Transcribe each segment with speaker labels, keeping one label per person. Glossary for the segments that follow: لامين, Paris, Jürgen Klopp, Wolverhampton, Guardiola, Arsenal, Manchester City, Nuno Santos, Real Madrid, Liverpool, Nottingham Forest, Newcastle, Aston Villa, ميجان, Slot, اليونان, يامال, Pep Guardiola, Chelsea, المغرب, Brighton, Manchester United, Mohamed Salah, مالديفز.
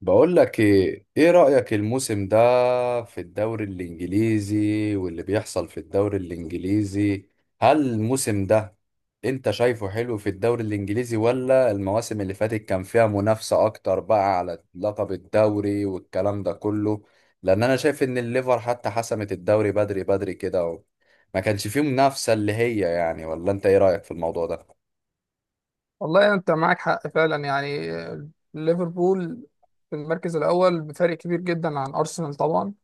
Speaker 1: بقول لك ايه رأيك الموسم ده في الدوري الانجليزي واللي بيحصل في الدوري الانجليزي. هل الموسم ده انت شايفه حلو في الدوري الانجليزي، ولا المواسم اللي فاتت كان فيها منافسة اكتر بقى على لقب الدوري والكلام ده كله؟ لان انا شايف ان الليفر حتى حسمت الدوري بدري بدري كده ما كانش فيه منافسة، اللي هي يعني، ولا انت ايه رأيك في الموضوع ده؟
Speaker 2: والله انت معاك حق فعلا يعني ليفربول في المركز الاول بفرق كبير جدا عن ارسنال طبعا.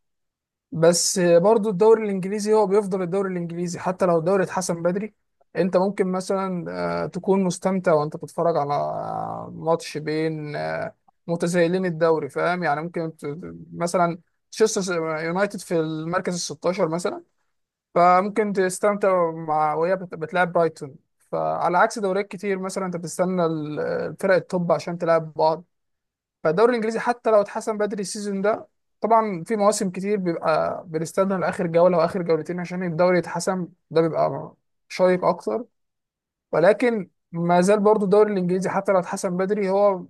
Speaker 2: بس برضو الدوري الانجليزي هو بيفضل الدوري الانجليزي حتى لو الدوري اتحسن بدري. انت ممكن مثلا تكون مستمتع وانت بتتفرج على ماتش بين متزايلين الدوري، فاهم يعني، ممكن مثلا تشيلسي يونايتد في المركز ال 16 مثلا. فممكن تستمتع مع وهي بتلعب برايتون. فعلى عكس دوريات كتير، مثلا انت بتستنى الفرق التوب عشان تلعب بعض. فالدوري الانجليزي حتى لو اتحسن بدري السيزون ده، طبعا في مواسم كتير بيبقى بنستنى لاخر جوله واخر جولتين عشان الدوري يتحسن، ده بيبقى شيق اكتر. ولكن ما زال برضو الدوري الانجليزي حتى لو اتحسن بدري هو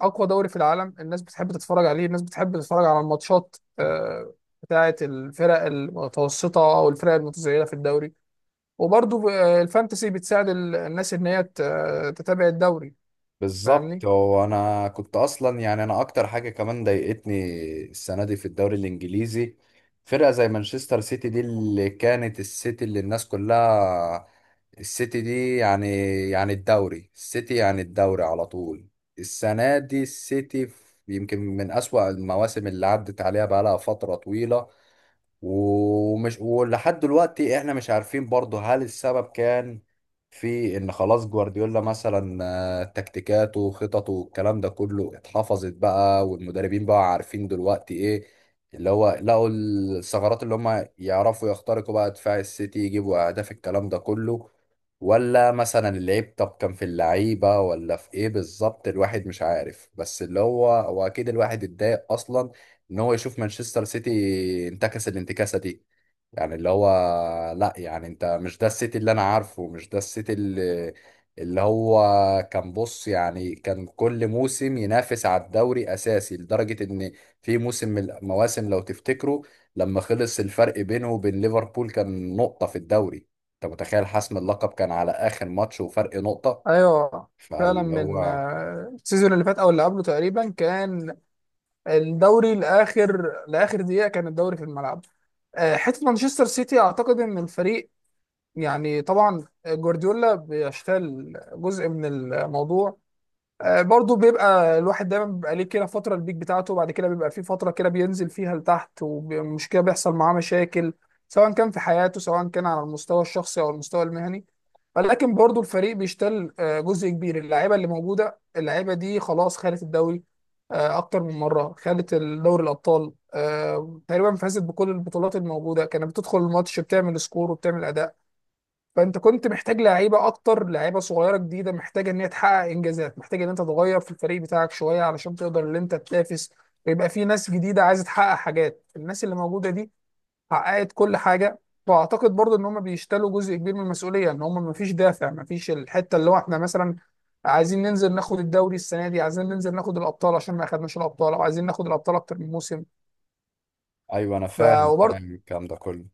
Speaker 2: اقوى دوري في العالم، الناس بتحب تتفرج عليه، الناس بتحب تتفرج على الماتشات بتاعه الفرق المتوسطه او الفرق المتزايده في الدوري. وبرضه الفانتسي بتساعد الناس ان هي تتابع الدوري،
Speaker 1: بالظبط.
Speaker 2: فاهمني.
Speaker 1: هو انا كنت اصلا يعني انا اكتر حاجه كمان ضايقتني السنه دي في الدوري الانجليزي فرقه زي مانشستر سيتي دي، اللي كانت السيتي اللي الناس كلها، السيتي دي يعني، يعني الدوري السيتي يعني الدوري على طول. السنه دي السيتي يمكن من اسوأ المواسم اللي عدت عليها بقالها فتره طويله. ولحد دلوقتي احنا مش عارفين برضه، هل السبب كان في ان خلاص جوارديولا مثلا تكتيكاته وخططه والكلام ده كله اتحفظت بقى، والمدربين بقى عارفين دلوقتي ايه، اللي هو لقوا الثغرات اللي هم يعرفوا يخترقوا بقى دفاع السيتي، يجيبوا اهداف الكلام ده كله؟ ولا مثلا اللعيب، طب كان في اللعيبة ولا في ايه بالظبط؟ الواحد مش عارف، بس اللي هو اكيد الواحد اتضايق اصلا ان هو يشوف مانشستر سيتي انتكس الانتكاسه دي. يعني اللي هو، لا يعني انت مش ده السيتي اللي انا عارفه، مش ده السيتي اللي، اللي هو كان، بص يعني، كان كل موسم ينافس على الدوري اساسي، لدرجه ان في موسم من المواسم، لو تفتكروا، لما خلص الفرق بينه وبين ليفربول كان نقطه في الدوري. انت متخيل؟ حسم اللقب كان على اخر ماتش وفرق نقطه.
Speaker 2: ايوه، فعلا
Speaker 1: فاللي
Speaker 2: من
Speaker 1: هو،
Speaker 2: السيزون اللي فات او اللي قبله تقريبا كان الدوري لاخر دقيقه، كان الدوري في الملعب. حته مانشستر سيتي، اعتقد ان الفريق يعني طبعا جوارديولا بيشتغل جزء من الموضوع. برضو بيبقى الواحد دايما بيبقى ليه كده فترة البيك بتاعته، وبعد كده بيبقى في فترة كده بينزل فيها لتحت، ومش كده بيحصل معاه مشاكل سواء كان في حياته، سواء كان على المستوى الشخصي أو المستوى المهني. ولكن برضو الفريق بيشتل جزء كبير. اللعيبة اللي موجودة، اللعيبة دي خلاص خدت الدوري أكتر من مرة، خدت دوري الأبطال، تقريبا فازت بكل البطولات الموجودة، كانت بتدخل الماتش بتعمل سكور وبتعمل أداء. فانت كنت محتاج لعيبه اكتر، لعيبه صغيره جديده محتاجه ان هي تحقق انجازات، محتاج ان انت تغير في الفريق بتاعك شويه علشان تقدر ان انت تنافس، ويبقى في ناس جديده عايزه تحقق حاجات. الناس اللي موجوده دي حققت كل حاجه. واعتقد برضو ان هم بيشتلوا جزء كبير من المسؤوليه، ان هم ما فيش دافع، ما فيش الحته اللي هو احنا مثلا عايزين ننزل ناخد الدوري السنه دي، عايزين ننزل ناخد الابطال عشان ما اخدناش الابطال، او عايزين ناخد الابطال اكتر من موسم.
Speaker 1: ايوه انا
Speaker 2: ف
Speaker 1: فاهم الكلام ده كله.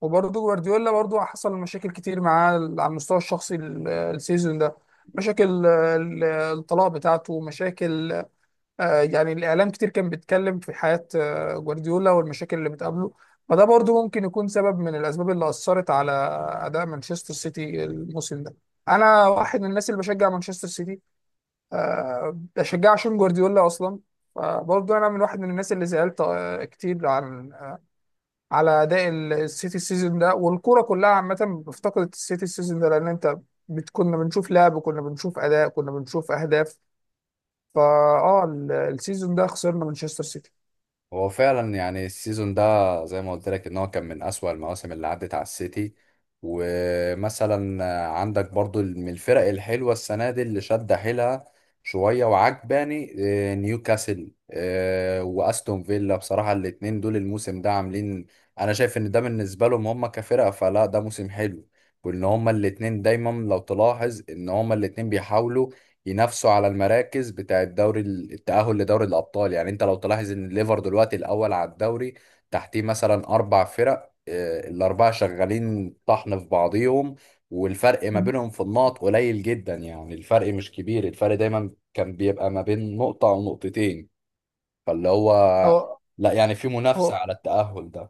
Speaker 2: وبرضه جوارديولا برضه حصل مشاكل كتير معاه على المستوى الشخصي السيزون ده. مشاكل الطلاق بتاعته، مشاكل. يعني الإعلام كتير كان بيتكلم في حياة جوارديولا والمشاكل اللي بتقابله. فده برضه ممكن يكون سبب من الأسباب اللي أثرت على أداء مانشستر سيتي الموسم ده. أنا واحد من الناس اللي بشجع مانشستر سيتي، بشجع عشان جوارديولا أصلا. فبرضه أنا من واحد من الناس اللي زعلت كتير عن على اداء السيتي السيزون ده، والكوره كلها عامه افتقدت السيتي السيزون ده، لان انت كنا بنشوف لعب، كنا بنشوف اداء، كنا بنشوف اهداف. فا السيزون ده خسرنا مانشستر سيتي.
Speaker 1: هو فعلا يعني السيزون ده، زي ما قلت لك، ان هو كان من اسوأ المواسم اللي عدت على السيتي. ومثلا عندك برضو من الفرق الحلوة السنة دي اللي شد حيلها شوية وعجباني، نيوكاسل واستون فيلا، بصراحة الاتنين دول الموسم ده عاملين. انا شايف ان ده بالنسبة لهم هم كفرقة، فلا ده موسم حلو. وان هما الاتنين دايما، لو تلاحظ، ان هما الاتنين بيحاولوا ينافسوا على المراكز بتاع الدوري، التأهل لدوري الأبطال. يعني أنت لو تلاحظ إن الليفر دلوقتي الأول على الدوري، تحتيه مثلا أربع فرق، الأربعة شغالين طحن في بعضيهم. والفرق ما بينهم في النقط قليل جدا، يعني الفرق مش كبير، الفرق دايما كان بيبقى ما بين نقطة أو نقطتين. فاللي هو،
Speaker 2: هو
Speaker 1: لا يعني في منافسة
Speaker 2: هو
Speaker 1: على التأهل ده.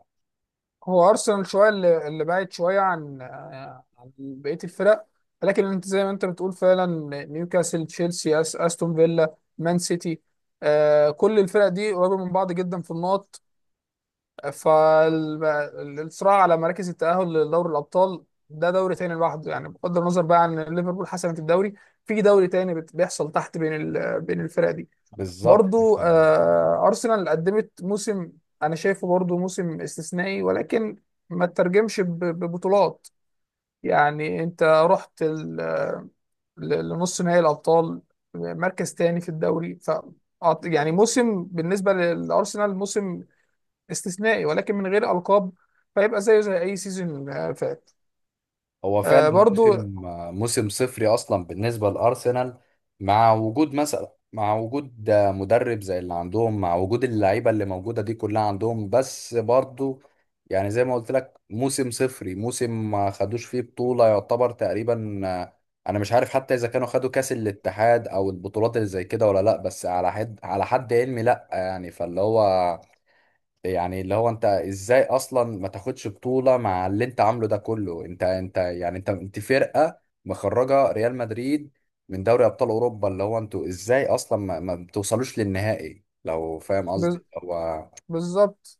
Speaker 2: هو ارسنال شويه اللي بعد شويه عن عن بقيه الفرق. لكن انت زي ما انت بتقول فعلا، نيوكاسل، تشيلسي، استون فيلا، مان سيتي، كل الفرق دي قريبه من بعض جدا في النقط. فالصراع على مراكز التأهل لدوري الأبطال ده دوري تاني لوحده، يعني بغض النظر بقى عن ليفربول حسمت الدوري، في دوري تاني بيحصل تحت بين بين الفرق دي.
Speaker 1: بالظبط.
Speaker 2: برضو أرسنال قدمت موسم. أنا شايفه برضو موسم استثنائي، ولكن ما تترجمش ببطولات. يعني أنت رحت لنص نهائي الأبطال، مركز تاني في الدوري. يعني موسم بالنسبة للأرسنال موسم استثنائي ولكن من غير ألقاب، فيبقى زيه زي أي سيزون فات.
Speaker 1: هو فعلا
Speaker 2: برضو
Speaker 1: موسم، موسم صفري اصلا بالنسبه لارسنال. مع وجود مثلا، مع وجود مدرب زي اللي عندهم، مع وجود اللعيبه اللي موجوده دي كلها عندهم، بس برضو يعني زي ما قلت لك، موسم صفري، موسم ما خدوش فيه بطوله يعتبر تقريبا. انا مش عارف حتى اذا كانوا خدوا كاس الاتحاد او البطولات اللي زي كده، ولا لا، بس على حد، على حد علمي لا يعني. فاللي هو، يعني اللي هو، انت ازاي اصلا ما تاخدش بطولة مع اللي انت عامله ده كله؟ انت، انت يعني، انت فرقة مخرجة ريال مدريد من دوري ابطال اوروبا. اللي هو انتوا ازاي اصلا ما بتوصلوش للنهائي، لو فاهم
Speaker 2: بز-
Speaker 1: قصدي؟ هو
Speaker 2: بالظبط.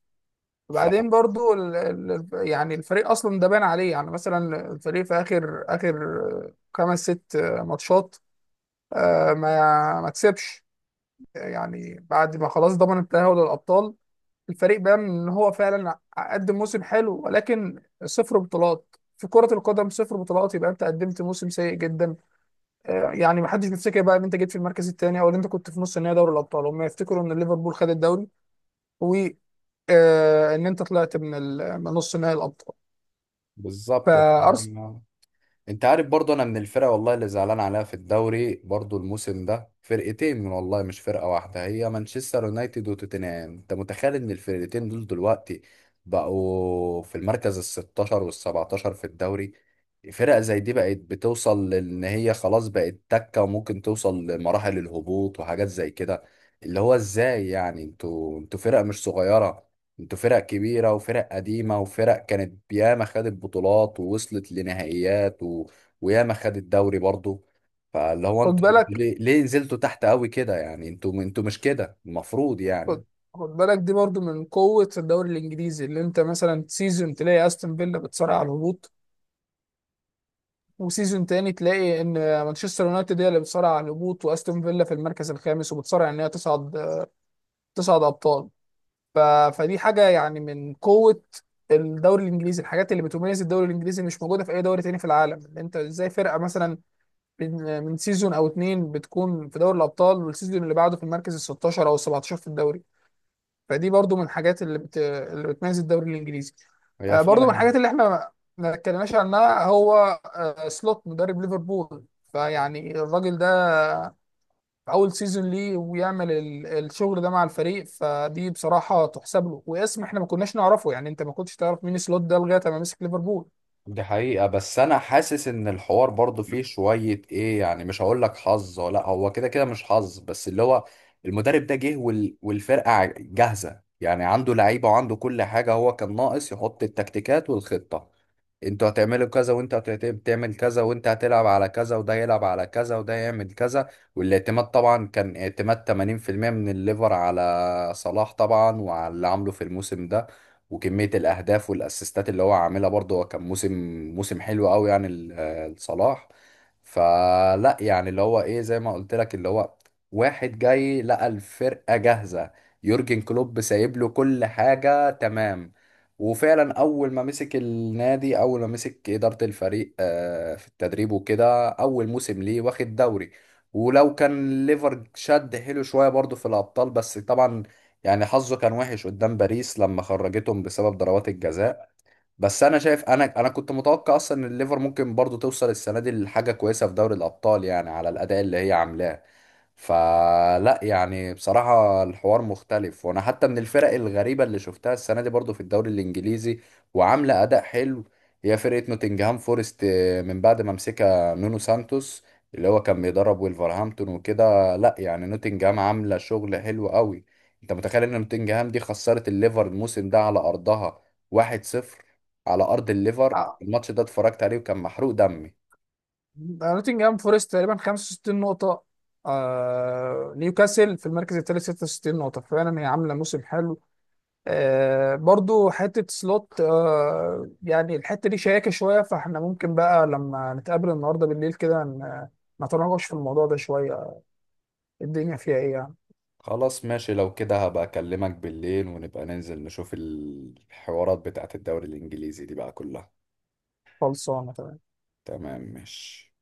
Speaker 1: ف،
Speaker 2: وبعدين برضو يعني الفريق أصلا ده بان عليه، يعني مثلا الفريق في آخر آخر خمس ست ماتشات ما كسبش، يعني بعد ما خلاص ضمن التأهل للأبطال. الفريق بان إن هو فعلا قدم موسم حلو، ولكن صفر بطولات في كرة القدم، صفر بطولات، يبقى أنت قدمت موسم سيء جدا. يعني ما حدش بيفتكر بقى ان انت جيت في المركز الثاني او ان انت كنت في نص النهائي دوري الابطال، هم يفتكروا ان ليفربول خد الدوري وان انت طلعت من من نص نهائي الابطال.
Speaker 1: بالظبط.
Speaker 2: فارسنال،
Speaker 1: انت عارف برضه، انا من الفرق والله اللي زعلان عليها في الدوري برضه الموسم ده فرقتين، من والله مش فرقة واحدة، هي مانشستر يونايتد وتوتنهام. انت متخيل ان الفرقتين دول دلوقتي بقوا في المركز ال 16 وال 17 في الدوري؟ فرق زي دي بقت بتوصل لان هي خلاص بقت تكة، وممكن توصل لمراحل الهبوط وحاجات زي كده. اللي هو ازاي؟ يعني انتوا فرقة مش صغيرة، انتوا فرق كبيرة وفرق قديمة وفرق كانت ياما خدت بطولات ووصلت لنهائيات وياما خدت دوري برضو. فاللي هو
Speaker 2: خد
Speaker 1: انتوا
Speaker 2: بالك،
Speaker 1: ليه نزلتوا تحت قوي كده يعني؟ انتوا مش كده المفروض
Speaker 2: خد
Speaker 1: يعني.
Speaker 2: خد بالك دي برضو من قوة الدوري الانجليزي، اللي انت مثلا سيزون تلاقي استون فيلا بتصارع على الهبوط، وسيزون تاني تلاقي ان مانشستر يونايتد هي اللي بتصارع على الهبوط، واستون فيلا في المركز الخامس وبتصارع ان هي تصعد، ابطال. ف... فدي حاجه يعني من قوه الدوري الانجليزي، الحاجات اللي بتميز الدوري الانجليزي مش موجوده في اي دوري تاني في العالم، إن انت ازاي فرقه مثلا من سيزون او اتنين بتكون في دوري الابطال والسيزون اللي بعده في المركز ال 16 او ال 17 في الدوري. فدي برضو من الحاجات اللي اللي بتميز الدوري الانجليزي.
Speaker 1: هي
Speaker 2: برضو من
Speaker 1: فعلا
Speaker 2: الحاجات اللي احنا ما اتكلمناش عنها هو سلوت مدرب ليفربول. فيعني الراجل ده في اول سيزون ليه ويعمل الشغل ده مع الفريق، فدي بصراحه تحسب له، واسم احنا ما كناش نعرفه، يعني انت ما كنتش تعرف مين سلوت ده لغايه ما مسك ليفربول.
Speaker 1: دي حقيقة. بس أنا حاسس إن الحوار برضو فيه شوية إيه يعني، مش هقول لك حظ، ولا هو كده كده مش حظ، بس اللي هو، المدرب ده جه والفرقة جاهزة، يعني عنده لعيبة وعنده كل حاجة، هو كان ناقص يحط التكتيكات والخطة. انتوا هتعملوا كذا، وانت هتعمل كذا، وانت هتلعب على كذا، وده يلعب على كذا، وده يعمل كذا. والاعتماد طبعا كان اعتماد 80% من الليفر على صلاح طبعا، وعلى اللي عامله في الموسم ده وكمية الأهداف والأسيستات اللي هو عاملها. برضه هو كان موسم، موسم حلو قوي يعني لصلاح. فلا يعني اللي هو ايه، زي ما قلت لك، اللي هو واحد جاي لقى الفرقة جاهزة، يورجن كلوب سايب له كل حاجة تمام. وفعلا اول ما مسك النادي، اول ما مسك اداره الفريق في التدريب وكده، اول موسم ليه واخد دوري. ولو كان ليفر شد حيله شويه برضه في الابطال، بس طبعا يعني حظه كان وحش قدام باريس لما خرجتهم بسبب ضربات الجزاء. بس انا شايف انا كنت متوقع اصلا ان الليفر ممكن برضه توصل السنه دي لحاجه كويسه في دوري الابطال، يعني على الاداء اللي هي عاملاه. فلا يعني بصراحة الحوار مختلف. وانا حتى من الفرق الغريبة اللي شفتها السنة دي برضو في الدوري الانجليزي وعاملة اداء حلو، هي فرقة نوتنجهام فورست من بعد ما مسكها نونو سانتوس، اللي هو كان بيدرب ويلفرهامبتون وكده. لا يعني نوتنجهام عاملة شغل حلو قوي. انت متخيل ان نوتنجهام دي خسرت الليفر الموسم ده على ارضها 1-0، على ارض الليفر؟
Speaker 2: آه،
Speaker 1: الماتش ده اتفرجت عليه وكان محروق دمي.
Speaker 2: نوتنجهام فورست تقريبا 65 نقطه، نيوكاسل في المركز الثالث 66 نقطه، فعلا هي عامله موسم حلو. برضو حته سلوت، يعني الحته دي شياكه شويه، فاحنا ممكن بقى لما نتقابل النهارده بالليل كده نتناقش في الموضوع ده شويه. الدنيا فيها ايه يعني.
Speaker 1: خلاص ماشي، لو كده هبقى اكلمك بالليل، ونبقى ننزل نشوف الحوارات بتاعت الدوري الانجليزي دي بقى كلها.
Speaker 2: خلصانه تمام.
Speaker 1: تمام ماشي.